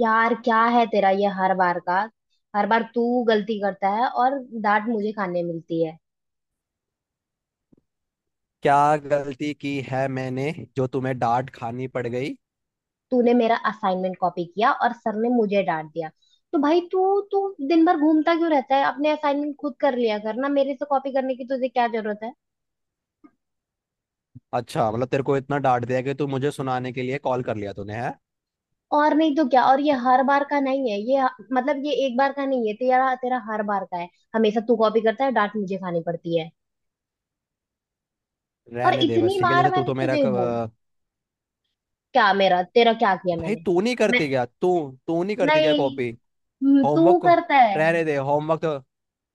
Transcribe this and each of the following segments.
यार क्या है तेरा ये हर बार का। हर बार तू गलती करता है और डांट मुझे खाने मिलती है। क्या गलती की है मैंने, जो तुम्हें डांट खानी पड़ गई। तूने मेरा असाइनमेंट कॉपी किया और सर ने मुझे डांट दिया। तो भाई तू तू दिन भर घूमता क्यों रहता है। अपने असाइनमेंट खुद कर लिया कर ना। मेरे से कॉपी करने की तुझे क्या जरूरत है। अच्छा मतलब तेरे को इतना डांट दिया कि तू मुझे सुनाने के लिए कॉल कर लिया तूने, है। और नहीं तो क्या। और ये हर बार का नहीं है ये। मतलब ये एक बार का नहीं है तेरा तेरा हर बार का है। हमेशा तू कॉपी करता है। डांट मुझे खानी पड़ती है। और रहने दे इतनी बस, ठीक है बार जैसे तू मैंने तो मेरा तुझे बोल। क्या मेरा तेरा क्या किया भाई मैंने। तू नहीं मैं करती क्या? तू तू नहीं करती क्या नहीं। कॉपी? तू होमवर्क? करता है। रहने दे, होमवर्क तो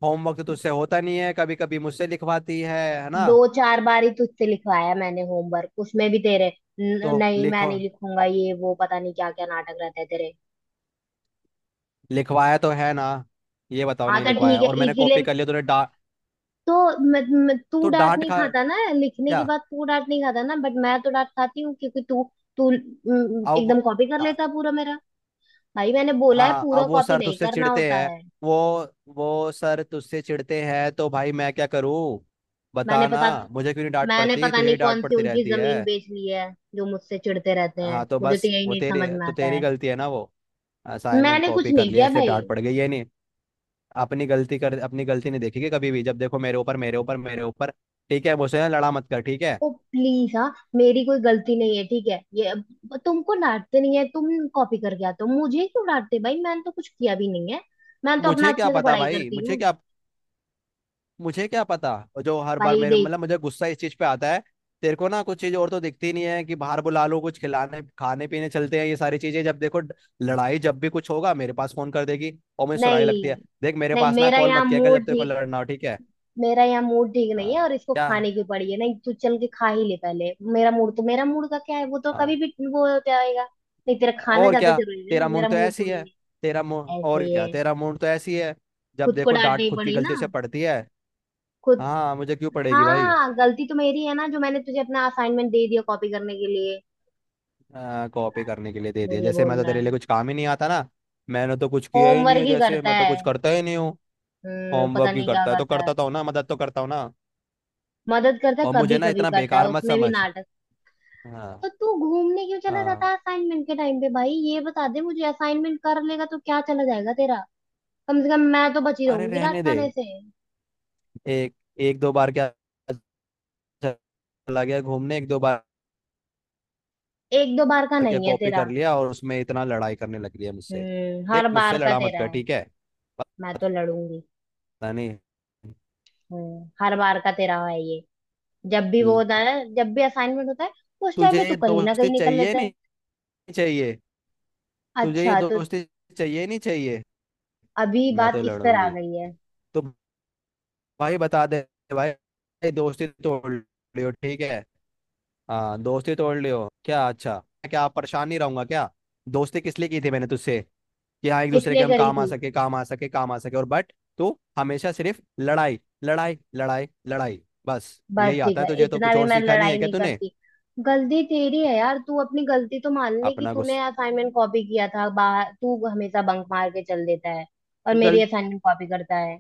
होमवर्क तो तुझसे होता नहीं है, कभी कभी मुझसे लिखवाती है ना। दो चार बार ही तुझसे लिखवाया मैंने होमवर्क। उसमें भी तेरे तो नहीं मैं लिखो, नहीं लिखूंगा। ये वो पता नहीं क्या क्या नाटक रहता है तेरे। लिखवाया तो है ना। ये बताओ, हाँ नहीं तो ठीक लिखवाया है और मैंने इसीलिए। कॉपी कर लिया तूने डा तो म, म, तू तो डांट डांट नहीं खा। खाता ना। लिखने के क्या? बाद तू डांट नहीं खाता ना। बट मैं तो डांट खाती हूँ क्योंकि तू। तू अब एकदम कॉपी कर लेता है पूरा मेरा। भाई मैंने बोला है हाँ, अब पूरा वो कॉपी सर नहीं तुझसे करना चिढ़ते होता हैं। है। वो वो सर तुझसे चिढ़ते हैं तो भाई मैं क्या करूँ? मैंने बता ना। पता मुझे क्यों नहीं डांट मैंने पड़ती, पता तुझे नहीं ही डांट कौन सी पड़ती उनकी रहती जमीन है। बेच ली है। जो मुझसे चिढ़ते रहते हाँ हैं। तो मुझे तो बस यही वो नहीं तेरी समझ में तो आता तेरी है। गलती है ना, वो असाइनमेंट मैंने कुछ कॉपी कर नहीं लिया किया इसलिए भाई। डांट पड़ गई, ये नहीं। अपनी गलती कर, अपनी गलती नहीं देखेगी कभी भी, जब देखो मेरे ऊपर, मेरे ऊपर, मेरे ऊपर। ठीक है, मुझसे ना लड़ा मत कर, ठीक है। ओ प्लीज हाँ। मेरी कोई गलती नहीं है ठीक है ये। अब तुमको डांटते नहीं है। तुम कॉपी करके आते हो मुझे क्यों डांटते। भाई मैंने तो कुछ किया भी नहीं है। मैं तो अपना मुझे क्या अच्छे से पता पढ़ाई भाई, करती मुझे हूँ। क्या मुझे क्या पता। और जो हर बार भाई मेरे देख। मतलब, मुझे गुस्सा इस चीज पे आता है। तेरे को ना कुछ चीज और तो दिखती नहीं है, कि बाहर बुला लो, कुछ खिलाने खाने पीने चलते हैं, ये सारी चीजें। जब देखो लड़ाई, जब भी कुछ होगा मेरे पास फोन कर देगी और मुझे सुनाई लगती है। नहीं देख, मेरे नहीं। पास ना कॉल मत किया कर जब तेरे को लड़ना हो, ठीक है। मेरा यहाँ मूड ठीक नहीं है। हाँ, और इसको क्या है। खाने की पड़ी है। नहीं तू चल के खा ही ले पहले। मेरा मूड तो मेरा मूड का क्या है। वो तो कभी हाँ, भी वो होता रहेगा। नहीं तेरा खाना और ज्यादा क्या। जरूरी है ना। तेरा मूड मेरा तो मूड ऐसी थोड़ी है। नहीं तेरा मूड है। ऐसे और ही क्या, है। तेरा मूड तो ऐसी है। जब खुद को देखो डांट डांटनी खुद की पड़ी ना। गलतियों से पड़ती है। खुद। हाँ, मुझे क्यों पड़ेगी भाई। हाँ गलती तो मेरी है ना। जो मैंने तुझे अपना असाइनमेंट दे दिया कॉपी करने के लिए। कॉपी करने के लिए दे दिया मुझे जैसे मैं बोल तो रहा तेरे लिए है। कुछ काम ही नहीं आता ना। मैंने तो कुछ किया ही नहीं होमवर्क है ही जैसे, करता मैं तो है। कुछ करता ही नहीं हूँ। पता होमवर्क ही नहीं क्या करता है, तो करता है। करता तो हूँ ना, मदद तो करता हूँ ना। मदद करता है और मुझे कभी ना कभी इतना करता है बेकार मत उसमें भी समझ। नाटक। हाँ तो तू घूमने क्यों चला जाता हाँ। है असाइनमेंट के टाइम पे। भाई ये बता दे मुझे। असाइनमेंट कर लेगा तो क्या चला जाएगा तेरा। कम से कम मैं तो बची अरे रहूंगी डांट रहने दे। खाने से। एक एक दो बार क्या, चला गया घूमने एक दो बार। एक दो बार का क्या नहीं है कॉपी कर तेरा। लिया और उसमें इतना लड़ाई करने लग रही है मुझसे। हर देख, बार मुझसे का लड़ा मत तेरा कर, है। ठीक है। मैं पता तो लड़ूंगी। नहीं। हर बार का तेरा है ये। जब भी वो होता ल- है ना। जब भी असाइनमेंट होता है उस टाइम तुझे पे तू ये कहीं ना दोस्ती कहीं निकल चाहिए? लेता है। नहीं चाहिए? तुझे ये अच्छा तो। दोस्ती चाहिए? नहीं चाहिए? अभी मैं बात तो इस पर आ लड़ूंगी। गई है। तो भाई बता दे। भाई भाई, दोस्ती तोड़ लियो, ठीक है। हाँ दोस्ती तोड़ लियो क्या, अच्छा। क्या परेशान नहीं रहूंगा क्या? दोस्ती किस लिए की थी मैंने तुझसे, कि हाँ एक दूसरे के इसलिए हम करी काम आ थी। सके, काम आ सके, काम आ सके, और बट तू हमेशा सिर्फ लड़ाई लड़ाई लड़ाई लड़ाई। बस बस यही आता है दिखर तुझे, तो इतना कुछ भी और मैं सीखा नहीं लड़ाई है क्या नहीं तूने? करती। गलती तेरी है यार। तू अपनी गलती तो मान ले कि अपना तूने गुस्स असाइनमेंट कॉपी किया था। बाहर तू हमेशा बंक मार के चल देता है और मेरी गल असाइनमेंट कॉपी करता है।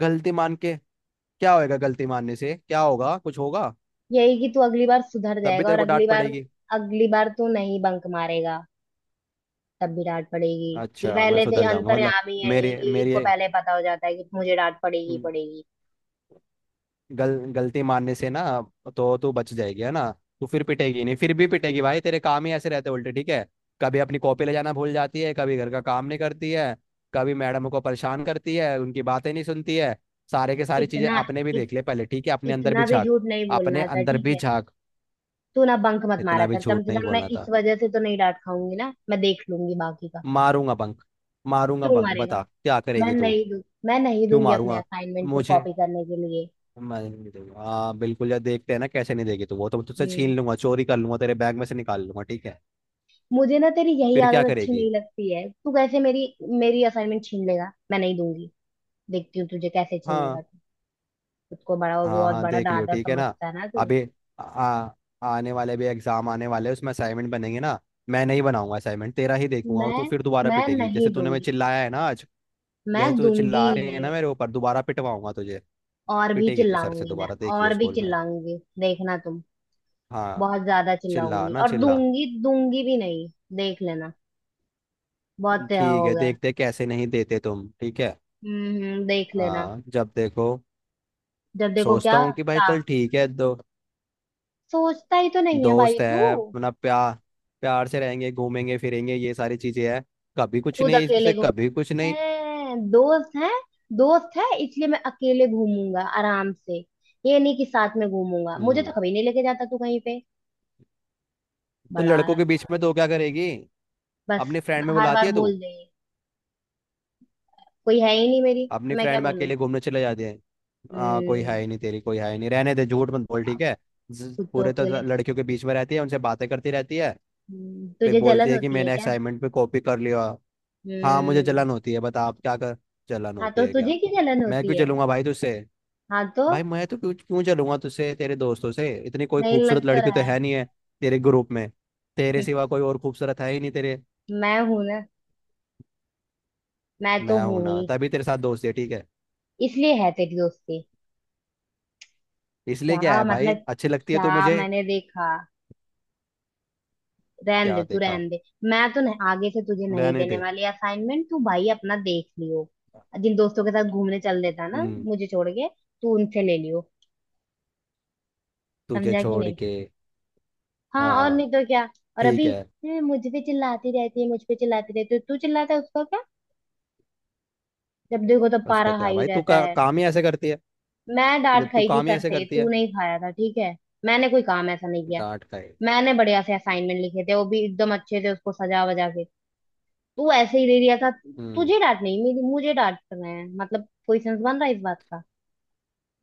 गलती मान के क्या होएगा, गलती मानने से क्या होगा, कुछ होगा? यही कि तू अगली बार सुधर तब भी जाएगा और तेरे को अगली डांट बार। पड़ेगी। अगली बार तू नहीं बंक मारेगा। तब भी डांट पड़ेगी। ये अच्छा मैं पहले से ही सुधर जाऊंगा मतलब। अंतर्यामी है ये। मेरी कि मेरी इनको पहले पता हो जाता है कि मुझे डांट पड़ेगी ही पड़ेगी। गल गलती मानने से ना, तो तू बच जाएगी है ना? तू फिर पिटेगी नहीं, फिर भी पिटेगी भाई, तेरे काम ही ऐसे रहते उल्टे, ठीक है। कभी अपनी कॉपी ले जाना भूल जाती है, कभी घर का काम नहीं करती है, कभी मैडम को परेशान करती है, उनकी बातें नहीं सुनती है। सारे के सारी चीजें इतना अपने भी इत, देख ले पहले, ठीक है, अपने अंदर इतना भी भी झांक। झूठ नहीं अपने बोलना था अंदर ठीक भी है। झांक। तू ना बंक मत मारा इतना भी कर। कम झूठ से नहीं कम मैं बोलना इस था। वजह से तो नहीं डांट खाऊंगी ना। मैं देख लूंगी बाकी का। मारूंगा बंक, मारूंगा क्यों बंक, मारेगा। बता क्या करेगी तू। मैं नहीं क्यों दूंगी अपने मारूंगा असाइनमेंट फिर मुझे? कॉपी करने के लिए। मैं नहीं दूंगा, हाँ बिल्कुल यार, देखते हैं ना कैसे नहीं देगी तू। वो तो मैं तुझसे हम्म। छीन लूंगा, चोरी कर लूंगा, तेरे बैग में से निकाल लूंगा, ठीक है। मुझे ना तेरी यही फिर क्या आदत अच्छी करेगी। नहीं लगती है। तू कैसे मेरी। मेरी असाइनमेंट छीन लेगा। मैं नहीं दूंगी। देखती हूँ तुझे कैसे छीनेगा हाँ। तू। खुद को बड़ा वो हाँ बहुत हाँ, बड़ा देख लियो, दादा ठीक है ना। समझता है ना तू। अभी आ, आने वाले भी एग्जाम आने वाले हैं, उसमें असाइनमेंट बनेंगे ना। मैं नहीं बनाऊंगा असाइनमेंट, तेरा ही देखूंगा और मैं। तू फिर दोबारा मैं पिटेगी, जैसे नहीं तूने मुझे दूंगी। चिल्लाया है ना आज। जैसे मैं तू दूंगी चिल्ला ही रही है ना नहीं। मेरे ऊपर, दोबारा पिटवाऊंगा तुझे। और भी पिटेगी तू सर से चिल्लाऊंगी मैं। दोबारा, देखियो और भी स्कूल में। चिल्लाऊंगी देखना तुम। हाँ। बहुत ज्यादा चिल्ला चिल्लाऊंगी ना और चिल्ला। दूंगी दूंगी भी नहीं। देख लेना। बहुत तेरा ठीक हो है, गया। देखते हैं कैसे नहीं देते तुम, ठीक है। हम्म, देख लेना। हाँ, जब देखो जब देखो सोचता क्या। हूँ कि भाई का। चल ठीक है, दो सोचता ही तो नहीं है भाई दोस्त तू। है अपना, प्यार। प्यार से रहेंगे, घूमेंगे फिरेंगे, ये सारी चीजें हैं। कभी कुछ खुद नहीं अकेले इससे, को कभी कुछ नहीं। है। दोस्त है। दोस्त है इसलिए मैं अकेले घूमूंगा आराम से। ये नहीं कि साथ में घूमूंगा। मुझे तो हम्म। कभी नहीं लेके जाता तू कहीं पे। तो बड़ा लड़कों आया के बीच में तो तू। क्या करेगी, बस अपनी फ्रेंड में हर बुलाती बार है तू, बोल दे। कोई है ही नहीं मेरी। तो अपनी मैं क्या फ्रेंड में बोलूं। अकेले घूमने चले जाते हैं। हाँ, कोई हम्म है ही नहीं तेरी, कोई है ही नहीं, रहने दे, झूठ मत बोल, आप। ठीक है। खुद तो पूरे तो अकेले। लड़कियों के बीच में रहती है, उनसे बातें करती रहती है। फिर तुझे बोलती जलन है कि होती है मैंने क्या। असाइनमेंट पे कॉपी कर लिया। हाँ मुझे हम्म। जलन होती है, बता आप क्या कर। जलन हाँ होती तो है क्या? तुझे की जलन मैं क्यों होती है। जलूंगा भाई तुझसे। हाँ तो भाई मैं तो क्यों क्यों चलूंगा तुझसे, तेरे दोस्तों से इतनी कोई नहीं लग खूबसूरत तो लड़की रहा तो है है नहीं है, तेरे ग्रुप में। तेरे हम्म, सिवा कोई और खूबसूरत है ही नहीं तेरे। मैं हूं ना। मैं तो मैं हूं हूं ना, ही। तभी तेरे साथ दोस्ती है, ठीक है। इसलिए है तेरी दोस्ती। इसलिए क्या क्या है भाई, मतलब। अच्छी लगती है तो क्या मुझे। मैंने देखा। रहन दे क्या तू देखा, रहन दे। मैं तो नहीं, आगे से तुझे नहीं रहने देने दे। वाली असाइनमेंट। तू भाई अपना देख लियो। जिन दोस्तों के साथ घूमने चल देता ना हम्म। मुझे छोड़ के। तू उनसे ले लियो। तुझे समझा कि छोड़ नहीं। के। हाँ और हाँ। नहीं तो क्या। और ठीक अभी। है। "हैं, मुझ पे चिल्लाती रहती है मुझ पे चिल्लाती रहती है तो तू चिल्लाता है उसका क्या। जब देखो तो उसका पारा क्या हाई भाई, तू रहता है। काम ही ऐसे करती है। मैं डांट जब तू खाई थी काम ही सर ऐसे से करती तू है, नहीं खाया था ठीक है। मैंने कोई काम ऐसा नहीं किया। डांट खाए। मैंने बढ़िया से असाइनमेंट लिखे थे वो भी एकदम अच्छे से उसको सजा वजा के। तू ऐसे ही ले लिया था। हम्म। तुझे डांट नहीं मेरी मुझे डांट रहे हैं। मतलब कोई सेंस बन रहा है इस बात का।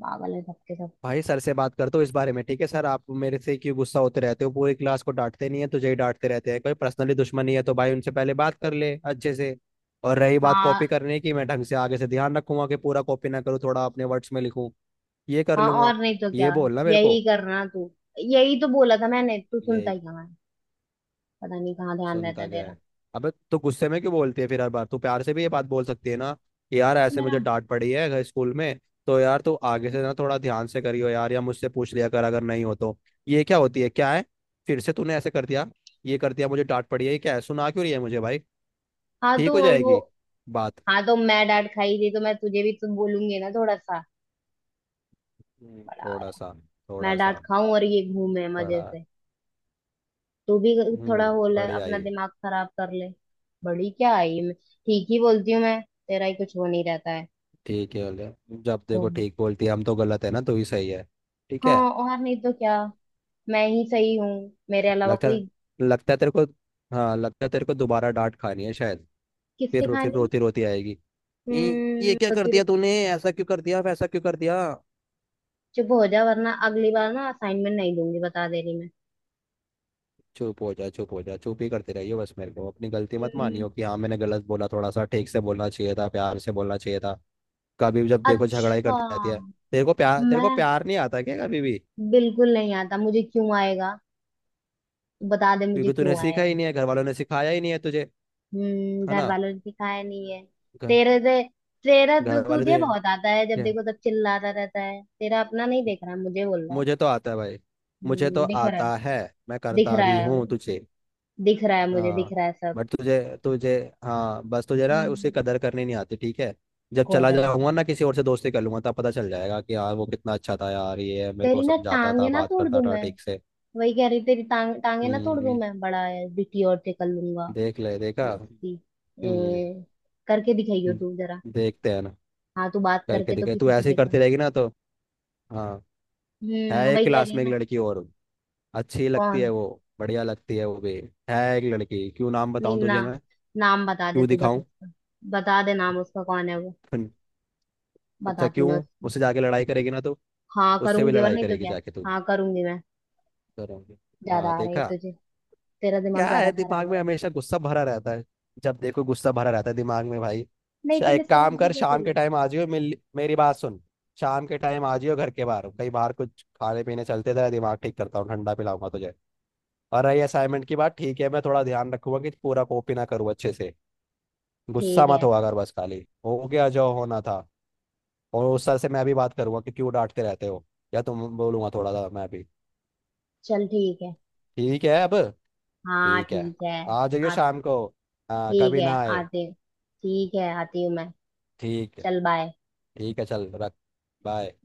पागल है सबके सब। भाई सर से बात करते हो इस बारे में, ठीक है। सर, आप मेरे से क्यों गुस्सा होते रहते हो, पूरी क्लास को डांटते नहीं है, तुझे ही डांटते रहते हैं, कोई पर्सनली दुश्मनी है तो भाई, उनसे पहले बात कर ले अच्छे से। और रही बात हाँ, कॉपी करने की, मैं ढंग से आगे से ध्यान रखूंगा कि पूरा कॉपी ना करूँ, थोड़ा अपने वर्ड्स में लिखूं, ये कर हाँ लूंगा। और नहीं तो क्या। ये बोलना मेरे यही को। करना तू। यही तो बोला था मैंने। तू सुनता ये ही कहाँ है। पता नहीं कहाँ ध्यान रहता सुनता क्या तेरा। है। अबे तो गुस्से में क्यों बोलती है फिर हर बार तू, प्यार से भी ये बात बोल सकती है ना, कि यार तो ऐसे मेरा। मुझे डांट पड़ी है अगर स्कूल में, तो यार तू आगे से ना थोड़ा ध्यान से करियो, यार या मुझसे पूछ लिया कर अगर नहीं हो तो। ये क्या होती है, क्या है, फिर से तूने ऐसे कर दिया, ये कर दिया, मुझे डांट पड़ी है, ये क्या है, सुना क्यों रही है मुझे भाई। हाँ ठीक तो हो वो। जाएगी बात। हाँ तो मैं डांट खाई थी तो मैं तुझे भी तो बोलूंगी ना थोड़ा सा। बड़ा। थोड़ा सा। थोड़ा मैं डांट सा। खाऊं और ये घूमे मजे बड़ा। से। तू भी थोड़ा हम्म। हो ले बढ़िया अपना ही। दिमाग खराब कर ले। बड़ी क्या आई मैं। ठीक ही बोलती हूँ मैं। तेरा ही कुछ वो नहीं रहता है। ठीक है, बोले। जब देखो घूम। ठीक बोलती है, हम तो गलत है ना, तू ही सही है। ठीक है। हाँ और नहीं तो क्या। मैं ही सही हूँ। मेरे अलावा लगता कोई। लगता है तेरे को, हाँ लगता है तेरे को दोबारा डांट खानी है शायद। फिर किससे फिर खानी है। रोती रोती आएगी। ये क्या कर रोती दिया रोती। तूने, ऐसा क्यों कर दिया, वैसा क्यों कर दिया। चुप हो जा वरना अगली बार ना असाइनमेंट नहीं दूंगी बता दे रही मैं। चुप हो जा, चुप हो जा, चुप ही करते रहिए बस मेरे को, अपनी गलती मत हम्म, मानियो कि हाँ मैंने गलत बोला, थोड़ा सा ठीक से बोलना चाहिए था, प्यार से बोलना चाहिए था। कभी भी जब देखो झगड़ा ही अच्छा। करती रहती है। तेरे को प्यार तेरे को मैं। प्यार नहीं आता क्या कभी भी? बिल्कुल नहीं आता मुझे क्यों आएगा। बता दे मुझे क्योंकि तूने क्यों सीखा आएगा। ही नहीं है, घर वालों ने सिखाया ही नहीं है तुझे, है घर ना। वालों ने सिखाया नहीं है। घ- तेरे से। तेरा घर वाले तुझे तुझे। बहुत आता है। जब क्या? देखो तब चिल्लाता रहता है। तेरा अपना नहीं देख रहा है मुझे बोल रहा है। मुझे तो आता है भाई, मुझे तो दिख रहा है। आता है, मैं दिख करता रहा भी है वो, हूँ तुझे। दिख रहा है मुझे दिख हाँ रहा है सब। बट तुझे तुझे हाँ बस तुझे ना उसकी हम्म। कदर करनी नहीं आती, ठीक है। जब चला गोदर जाऊंगा ना किसी और से दोस्ती कर लूंगा, तब पता चल जाएगा कि यार वो कितना अच्छा था, यार ये है, मेरे को तेरी ना समझाता टांगे था, ना बात तोड़ करता दूं था मैं। ठीक से। वही कह रही तेरी टांगे ना तोड़ दूं हम्म। मैं। बड़ा है बिटी और से कर लूंगा। देख ले, देखा। उसकी। हम्म। ए, करके दिखाइयो हम्म, तू जरा। देखते हैं ना। हाँ तू बात करके करके तो देखे, तू किसी से ऐसे ही देखा। करती रहेगी ना तो। हाँ, है एक वही कह क्लास रही है में एक ना। लड़की और, अच्छी लगती कौन है है। वो, बढ़िया लगती है वो भी। है एक लड़की, क्यों नाम बताऊं नहीं ना। तुझे मैं, नाम बता दे क्यों तू बस दिखाऊं उसका। बता दे नाम उसका कौन है वो। फिर। अच्छा बताती क्यों, मैं उसको। उससे जाके लड़ाई करेगी ना तो? हाँ उससे भी करूंगी और लड़ाई नहीं तो करेगी क्या। जाके तू, हाँ करूंगी मैं। करोगे। ज्यादा हाँ आ रही है देखा। तुझे। तेरा क्या दिमाग ज्यादा है, खराब हो दिमाग में रहा है। हमेशा गुस्सा भरा रहता है, जब देखो गुस्सा भरा रहता है दिमाग में भाई। नहीं तूने एक सोच काम भी कर, कैसे शाम के लिया। टाइम आ जियो, मिल, मेरी बात सुन। शाम के टाइम आ जियो घर के बाहर, कहीं बाहर कुछ खाने पीने चलते, तेरा दिमाग ठीक करता हूँ, ठंडा पिलाऊंगा तुझे। और रही असाइनमेंट की बात, ठीक है, मैं थोड़ा ध्यान रखूंगा कि पूरा कॉपी ना करूँ अच्छे से। गुस्सा ठीक मत है। हुआ कर, बस खाली हो गया जो होना था। और उस सर से मैं भी बात करूंगा कि क्यों डांटते रहते हो, या तुम बोलूंगा थोड़ा सा मैं भी। चल ठीक है। ठीक है अब। हाँ ठीक है। ठीक है। आ जाइए आ शाम को। हाँ ठीक कभी है ना आए। आते ठीक है आती हूँ मैं। ठीक है। चल बाय। ठीक है, चल रख। बाय।